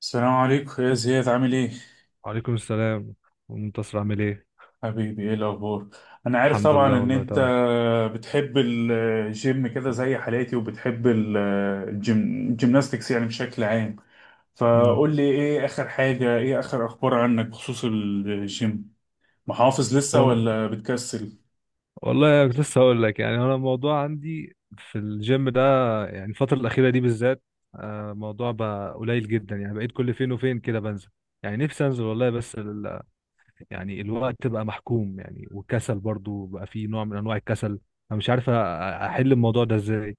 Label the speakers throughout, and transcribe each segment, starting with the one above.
Speaker 1: السلام عليكم يا زياد، عامل ايه؟
Speaker 2: وعليكم السلام. منتصر عامل ايه؟
Speaker 1: حبيبي، ايه الاخبار؟ انا عارف
Speaker 2: الحمد
Speaker 1: طبعا
Speaker 2: لله
Speaker 1: ان
Speaker 2: والله
Speaker 1: انت
Speaker 2: تمام.
Speaker 1: بتحب الجيم كده زي حالاتي، وبتحب الجيم، الجيمناستكس يعني بشكل عام.
Speaker 2: امم
Speaker 1: فقول لي ايه اخر حاجة، ايه اخر اخبار عنك بخصوص الجيم؟ محافظ لسه
Speaker 2: وال...
Speaker 1: ولا بتكسل؟
Speaker 2: والله كنت لسه هقول لك، يعني انا الموضوع عندي في الجيم ده، يعني الفتره الاخيره دي بالذات، الموضوع بقى قليل جدا، يعني بقيت كل فين وفين كده بنزل. يعني نفسي انزل والله، بس يعني الوقت بقى محكوم يعني، والكسل برضو بقى فيه نوع من انواع الكسل. انا مش عارف احل الموضوع ده ازاي.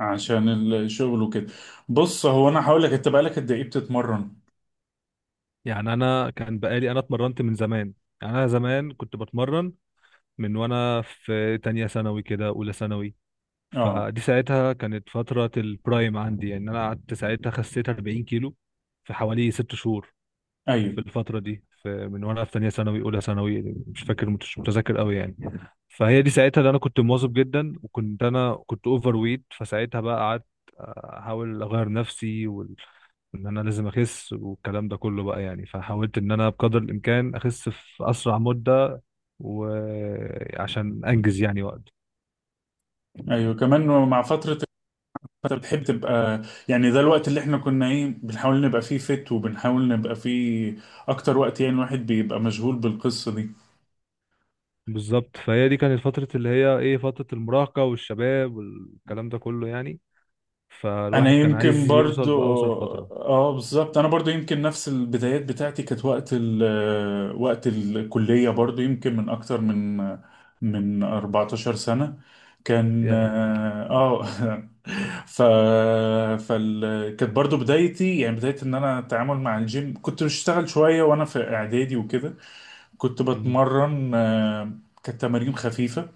Speaker 1: عشان الشغل وكده. بص، هو انا هقول لك، انت بقالك قد ايه بتتمرن؟
Speaker 2: يعني انا كان بقالي، اتمرنت من زمان، يعني انا زمان كنت بتمرن من وانا في تانية ثانوي كده، اولى ثانوي.
Speaker 1: اه،
Speaker 2: فدي ساعتها كانت فترة البرايم عندي، يعني أنا قعدت ساعتها خسيت 40 كيلو في حوالي 6 شهور. في
Speaker 1: ايوه،
Speaker 2: الفترة دي، في من وأنا في تانية ثانوي، أولى ثانوي، مش فاكر، مش متذكر قوي يعني. فهي دي ساعتها اللي أنا كنت مواظب جدا، وكنت كنت أوفر ويت. فساعتها بقى قعدت أحاول أغير نفسي، ان انا لازم اخس والكلام ده كله بقى يعني. فحاولت ان انا بقدر الامكان اخس في اسرع مدة، وعشان انجز يعني وقت.
Speaker 1: ايوه كمان مع فترة. فانت بتحب تبقى، يعني ده الوقت اللي احنا كنا ايه، بنحاول نبقى فيه فت، وبنحاول نبقى فيه اكتر وقت، يعني الواحد بيبقى مشغول بالقصة دي.
Speaker 2: بالظبط، فهي دي كانت فترة اللي هي ايه، فترة المراهقة والشباب والكلام ده كله يعني.
Speaker 1: انا
Speaker 2: فالواحد كان
Speaker 1: يمكن
Speaker 2: عايز يوصل
Speaker 1: برضو،
Speaker 2: بأوصل فترة.
Speaker 1: اه بالظبط، انا برضو يمكن نفس البدايات بتاعتي كانت وقت ال آه، وقت الكلية، برضو يمكن من اكتر من 14 سنة. كان
Speaker 2: يا.
Speaker 1: اه ف فال كانت برضو بدايتي، يعني بداية ان انا اتعامل مع الجيم. كنت بشتغل شوية وانا في اعدادي وكده. كنت
Speaker 2: مم.
Speaker 1: بتمرن، كانت تمارين خفيفة.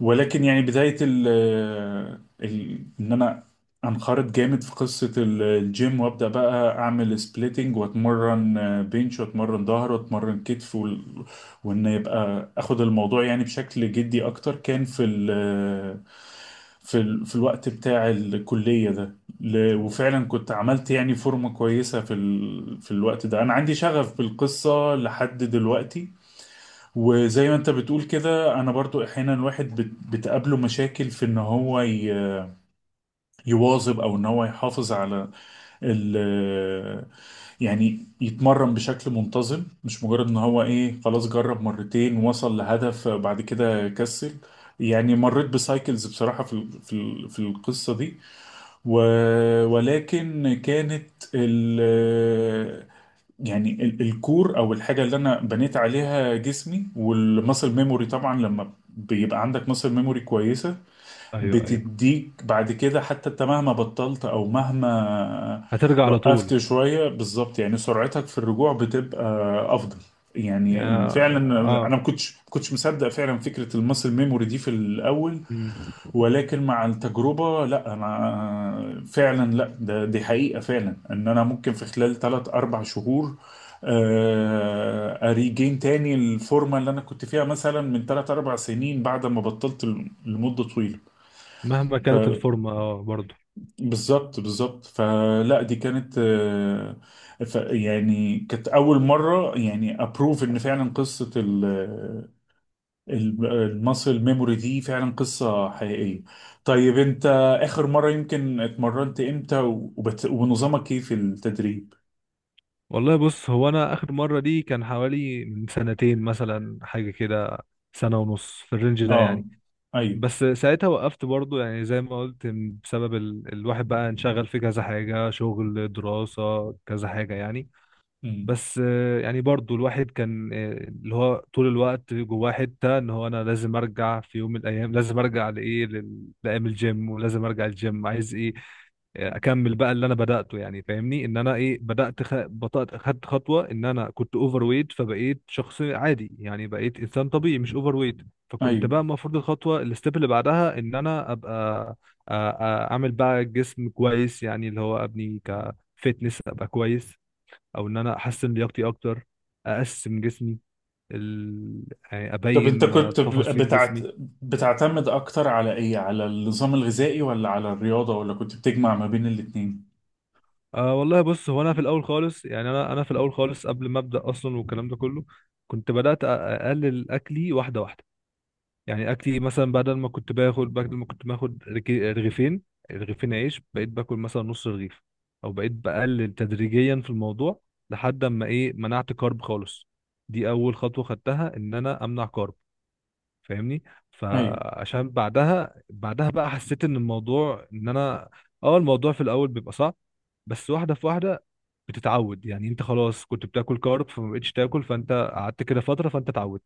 Speaker 1: ولكن يعني بداية إن أنا أنخرط جامد في قصة الجيم، وأبدأ بقى أعمل سبليتنج، وأتمرن، بنش، وأتمرن ظهر، وأتمرن كتف وإن يبقى أخد الموضوع يعني بشكل جدي أكتر، كان في ال آه، في ال في الوقت بتاع الكلية ده. وفعلا كنت عملت يعني فورمة كويسة في في الوقت ده. أنا عندي شغف بالقصة لحد دلوقتي. وزي ما انت بتقول كده، انا برضو احيانا الواحد بتقابله مشاكل في ان هو يواظب، او ان هو يحافظ على ال يعني يتمرن بشكل منتظم، مش مجرد ان هو ايه خلاص، جرب مرتين وصل لهدف بعد كده كسل. يعني مريت بسايكلز بصراحة في في القصة دي. ولكن كانت يعني الكور او الحاجه اللي انا بنيت عليها جسمي والمسل ميموري. طبعا لما بيبقى عندك مسل ميموري كويسه،
Speaker 2: ايوه، ايوه،
Speaker 1: بتديك بعد كده، حتى انت مهما بطلت او مهما
Speaker 2: هترجع على
Speaker 1: وقفت
Speaker 2: طول.
Speaker 1: شويه، بالظبط، يعني سرعتك في الرجوع بتبقى افضل. يعني
Speaker 2: يا.
Speaker 1: فعلا
Speaker 2: اه.
Speaker 1: انا ما كنتش مصدق فعلا فكره المسل ميموري دي في الاول.
Speaker 2: مم.
Speaker 1: ولكن مع التجربة، لا أنا فعلا، لا ده، دي حقيقة، فعلا إن أنا ممكن في خلال ثلاث أربع شهور، أريجين تاني الفورمة اللي أنا كنت فيها مثلا من ثلاث أربع سنين، بعد ما بطلت لمدة طويلة.
Speaker 2: مهما كانت الفورمة اه برضه.
Speaker 1: فبالظبط فلا دي كانت، يعني كانت أول مرة يعني أبروف إن فعلا قصة المصل ميموري دي فعلا قصة حقيقية. طيب انت، اخر مرة يمكن اتمرنت امتى، ونظامك ايه في التدريب؟
Speaker 2: والله بص، هو انا اخر مرة دي كان حوالي من سنتين مثلا، حاجة كده، سنة ونص في الرينج ده
Speaker 1: اه،
Speaker 2: يعني.
Speaker 1: ايوه،
Speaker 2: بس ساعتها وقفت برضه، يعني زي ما قلت، بسبب الواحد بقى انشغل في كذا حاجة، شغل، دراسة، كذا حاجة يعني.
Speaker 1: مم،
Speaker 2: بس يعني برضو الواحد كان، اللي هو طول الوقت جواه حتة ان هو انا لازم ارجع في يوم من الايام، لازم ارجع لايه، لايام الجيم، ولازم ارجع الجيم، عايز ايه، اكمل بقى اللي انا بدأته يعني. فاهمني ان انا ايه، بدأت بطأت، خدت خطوة ان انا كنت اوفر ويت فبقيت شخص عادي، يعني بقيت انسان طبيعي، مش اوفر ويت. فكنت
Speaker 1: ايوه.
Speaker 2: بقى المفروض الخطوة، الستيب اللي بعدها، ان انا ابقى آ- آ- اعمل بقى جسم كويس، يعني اللي هو ابني كفتنس، ابقى كويس، او ان انا احسن لياقتي اكتر، اقسم جسمي، ال... يعني
Speaker 1: طب انت
Speaker 2: ابين
Speaker 1: كنت
Speaker 2: تفاصيل جسمي.
Speaker 1: بتعتمد اكتر على ايه، على النظام الغذائي ولا على الرياضة، ولا كنت بتجمع ما بين الاتنين؟
Speaker 2: أه والله بص، هو انا في الاول خالص، يعني انا في الاول خالص قبل ما ابدا اصلا والكلام ده كله، كنت بدات اقلل اكلي واحده واحده. يعني اكلي مثلا، بدل ما كنت باخد رغيفين، رغيفين عيش، بقيت باكل مثلا نص رغيف، او بقيت بقلل تدريجيا في الموضوع، لحد اما ايه منعت كارب خالص. دي اول خطوه خدتها، ان انا امنع كارب. فاهمني،
Speaker 1: ايوه،
Speaker 2: فعشان بعدها، بقى حسيت ان الموضوع ان انا، اه الموضوع في الاول بيبقى صعب، بس واحده في واحده بتتعود. يعني انت خلاص كنت بتاكل كارب فما بقتش تاكل، فانت قعدت كده فتره، فانت اتعودت.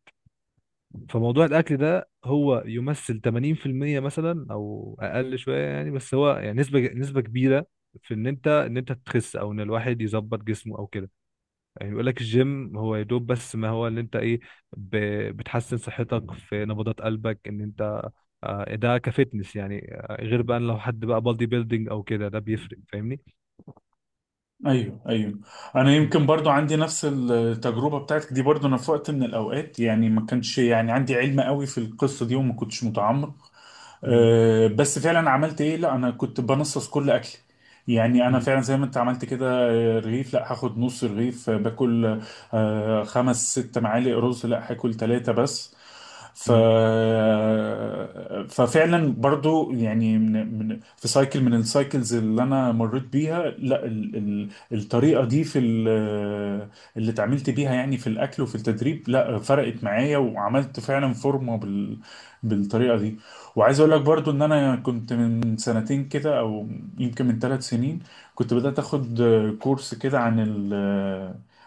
Speaker 2: فموضوع الاكل ده هو يمثل 80% مثلا او اقل شويه يعني، بس هو يعني نسبه، نسبه كبيره في ان انت، ان انت تخس، او ان الواحد يظبط جسمه او كده. يعني يقول لك الجيم هو يا دوب، بس ما هو اللي انت ايه، ب- بتحسن صحتك في نبضات قلبك ان انت، ده كفتنس يعني. غير بقى لو حد بقى بادي بيلدينج او كده، ده بيفرق. فاهمني.
Speaker 1: ايوه، ايوه. انا
Speaker 2: مم.
Speaker 1: يمكن برضو عندي نفس التجربه بتاعتك دي، برضو انا في وقت من الاوقات يعني ما كانش يعني عندي علم قوي في القصه دي، وما كنتش متعمق.
Speaker 2: مم.
Speaker 1: أه، بس فعلا عملت ايه، لا انا كنت بنصص كل اكلي. يعني انا
Speaker 2: مم.
Speaker 1: فعلا زي ما انت عملت كده، رغيف لا هاخد نص رغيف، باكل خمس ست معالق رز لا هاكل ثلاثة بس. ف
Speaker 2: مم.
Speaker 1: ففعلا برضو، يعني من في سايكل من السايكلز اللي انا مريت بيها، لا الطريقه دي في ال... آه، اللي اتعاملت بيها يعني في الاكل وفي التدريب، لا فرقت معايا، وعملت فعلا فورمه بالطريقه دي. وعايز اقول لك برضو ان انا كنت من سنتين كده او يمكن من ثلاث سنين، كنت بدأت اخد كورس كده عن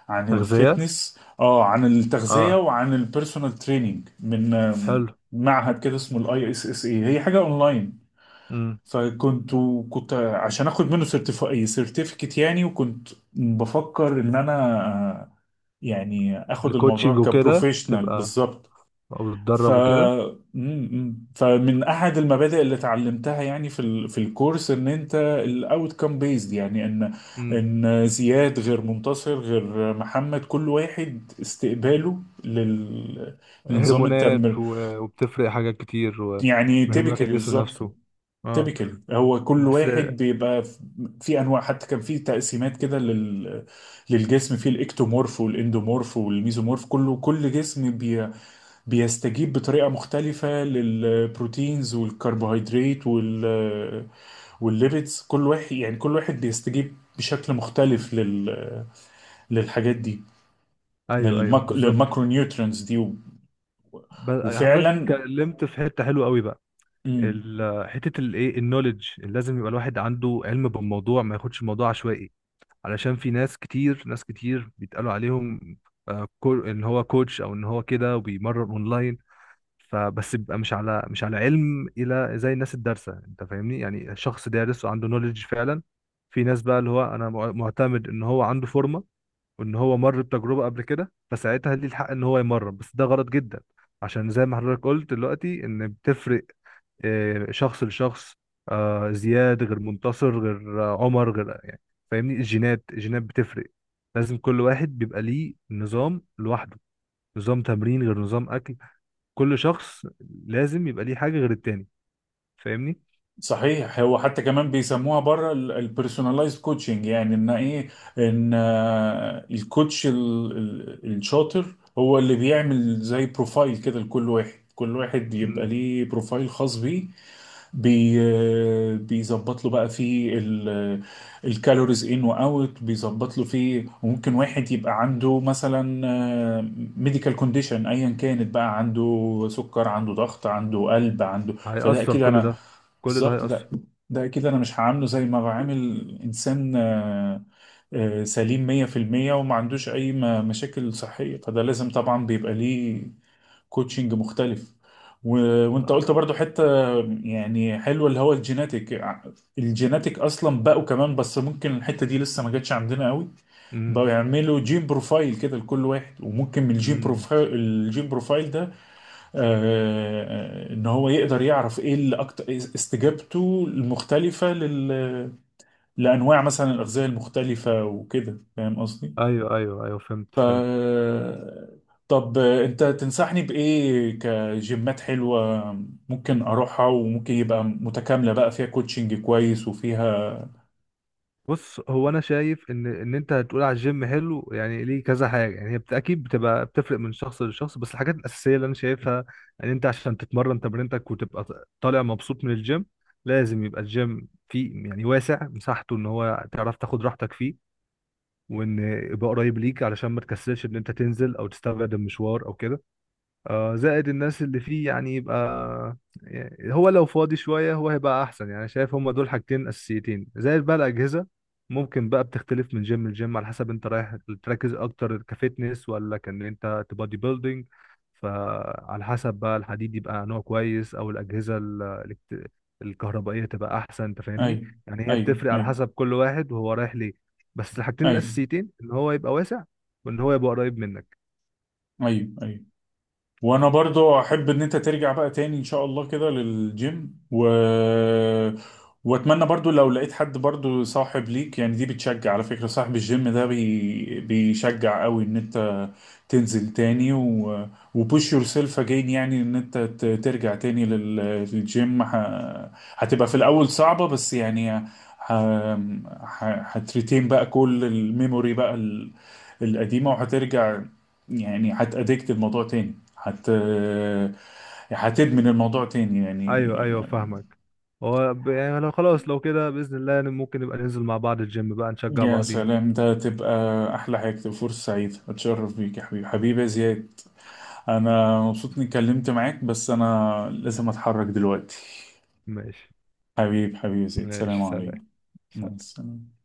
Speaker 1: عن
Speaker 2: تغذية.
Speaker 1: الفيتنس، اه عن التغذية،
Speaker 2: اه،
Speaker 1: وعن البيرسونال تريننج من
Speaker 2: حلو.
Speaker 1: معهد كده اسمه الاي اس اس اي، هي حاجة اونلاين.
Speaker 2: مم.
Speaker 1: فكنت كنت عشان اخد منه سيرتيفيكت يعني، وكنت بفكر ان انا، آه، يعني اخد
Speaker 2: الكوتشنج
Speaker 1: الموضوع
Speaker 2: وكده
Speaker 1: كبروفيشنال
Speaker 2: تبقى،
Speaker 1: بالظبط.
Speaker 2: او
Speaker 1: ف
Speaker 2: تتدرب وكده.
Speaker 1: م- م. فمن احد المبادئ اللي اتعلمتها يعني في في الكورس ان انت الاوت كام بيزد، يعني
Speaker 2: مم.
Speaker 1: ان زياد غير منتصر غير محمد، كل واحد استقباله لنظام
Speaker 2: هرمونات،
Speaker 1: التمر،
Speaker 2: وبتفرق حاجات كتير،
Speaker 1: يعني
Speaker 2: وهرمونات
Speaker 1: تيبيكالي
Speaker 2: الجسم
Speaker 1: بالظبط.
Speaker 2: نفسه. اه.
Speaker 1: تيبيكالي هو كل
Speaker 2: بس.
Speaker 1: واحد بيبقى في انواع، حتى كان في تقسيمات كده للجسم، في الاكتومورف والاندومورف والميزومورف، كله، كل جسم بيستجيب بطريقة مختلفة للبروتينز والكربوهيدرات والليبيدز. كل واحد يعني كل واحد بيستجيب بشكل مختلف للحاجات دي،
Speaker 2: ايوه، ايوه، بالظبط.
Speaker 1: للماكرو نيوترينز دي
Speaker 2: حضرتك
Speaker 1: وفعلا.
Speaker 2: اتكلمت في حته حلوه قوي بقى،
Speaker 1: مم.
Speaker 2: حته الايه، النوليدج لازم يبقى الواحد عنده علم بالموضوع، ما ياخدش الموضوع عشوائي. علشان في ناس كتير، ناس كتير بيتقالوا عليهم ان هو كوتش، او ان هو كده وبيمرن اونلاين، فبس بيبقى مش على علم الى زي الناس الدارسه. انت فاهمني، يعني شخص دارس وعنده نوليدج فعلا. في ناس بقى اللي هو انا معتمد ان هو عنده فورمه وان هو مر بتجربه قبل كده، فساعتها ليه الحق ان هو يمرن، بس ده غلط جدا. عشان زي ما حضرتك قلت دلوقتي، ان بتفرق شخص لشخص، زياد غير منتصر غير عمر غير يعني. فاهمني، الجينات، الجينات بتفرق. لازم كل واحد بيبقى ليه نظام لوحده، نظام تمرين غير نظام اكل. كل شخص لازم يبقى ليه حاجة غير التاني. فاهمني.
Speaker 1: صحيح، هو حتى كمان بيسموها بره البيرسوناليزد كوتشنج، يعني ان ايه، ان الكوتش الشاطر هو اللي بيعمل زي بروفايل كده لكل واحد، كل واحد بيبقى
Speaker 2: مم.
Speaker 1: ليه بروفايل خاص بيه. بيظبط له بقى فيه الكالوريز ان واوت، بيظبط له فيه. وممكن واحد يبقى عنده مثلا ميديكال كونديشن ايا كانت بقى، عنده سكر، عنده ضغط، عنده قلب، عنده، فده
Speaker 2: هيأثر
Speaker 1: اكيد
Speaker 2: كل
Speaker 1: انا،
Speaker 2: ده، كل ده
Speaker 1: بالظبط،
Speaker 2: هيأثر.
Speaker 1: ده، ده اكيد انا مش هعامله زي ما بعامل انسان، سليم 100%، وما عندوش اي مشاكل صحية. فده لازم طبعا بيبقى ليه كوتشنج مختلف. و... وانت قلت برضو حتة يعني حلوة، اللي هو الجيناتيك. الجيناتيك اصلا بقوا كمان، بس ممكن الحتة دي لسه ما جاتش عندنا قوي.
Speaker 2: امم
Speaker 1: بقوا يعملوا جين بروفايل كده لكل واحد، وممكن من الجين
Speaker 2: امم
Speaker 1: بروفايل ده، آه، ان هو يقدر يعرف ايه اللي اكتر استجابته المختلفة لانواع مثلا الاغذية المختلفة وكده، فاهم قصدي؟
Speaker 2: ايوه، ايوه، ايوه، فهمت،
Speaker 1: ف
Speaker 2: فهمت.
Speaker 1: طب انت تنصحني بايه كجيمات حلوه ممكن اروحها، وممكن يبقى متكامله بقى فيها كوتشنج كويس وفيها؟
Speaker 2: بص، هو انا شايف ان انت هتقول على الجيم حلو يعني ليه كذا حاجه، يعني هي اكيد بتبقى بتفرق من شخص لشخص. بس الحاجات الاساسيه اللي انا شايفها، ان انت عشان تتمرن تمرينتك وتبقى طالع مبسوط من الجيم، لازم يبقى الجيم فيه يعني واسع مساحته، ان هو تعرف تاخد راحتك فيه، وان يبقى قريب ليك علشان ما تكسلش ان انت تنزل، او تستبعد المشوار او كده. اه، زائد الناس اللي فيه يعني يبقى، يعني هو لو فاضي شوية هو هيبقى أحسن. يعني شايف هما دول حاجتين أساسيتين، زائد بقى الأجهزة. ممكن بقى بتختلف من جيم لجيم على حسب أنت رايح تركز أكتر كفتنس، ولا كان أنت تبادي بيلدينج. فعلى حسب بقى الحديد يبقى نوع كويس، أو الأجهزة الكت- الكهربائية تبقى أحسن. أنت فاهمني،
Speaker 1: ايوه،
Speaker 2: يعني هي
Speaker 1: ايوه،
Speaker 2: بتفرق على
Speaker 1: ايوه،
Speaker 2: حسب كل واحد وهو رايح ليه. بس الحاجتين
Speaker 1: ايوه،
Speaker 2: الأساسيتين، إن هو يبقى واسع وإن هو يبقى قريب منك.
Speaker 1: ايوه، ايوه. وانا برضو احب ان انت ترجع بقى تاني ان شاء الله كده للجيم، واتمنى برضو لو لقيت حد برضو صاحب ليك، يعني دي بتشجع على فكرة، صاحب الجيم ده بيشجع قوي ان انت تنزل تاني، وبوش يور سيلف اجين، يعني ان انت ترجع تاني للجيم. هتبقى في الاول صعبة، بس يعني ه... هتريتين بقى كل الميموري بقى القديمة، وهترجع. يعني هتأدكت الموضوع تاني، حت هتدمن الموضوع تاني يعني.
Speaker 2: ايوه، ايوه، فاهمك. هو يعني لو خلاص، لو كده باذن الله ممكن نبقى ننزل مع بعض الجيم بقى، نشجع
Speaker 1: يا
Speaker 2: بعضينا.
Speaker 1: سلام، ده تبقى أحلى حاجة، تبقى فرصة سعيدة، أتشرف بيك يا حبيبي، يا زياد. أنا مبسوط إني اتكلمت معاك، بس أنا لازم أتحرك دلوقتي.
Speaker 2: ماشي.
Speaker 1: حبيبي يا زياد، سلام
Speaker 2: ماشي، سلام.
Speaker 1: عليكم. مع
Speaker 2: سلام.
Speaker 1: السلامة.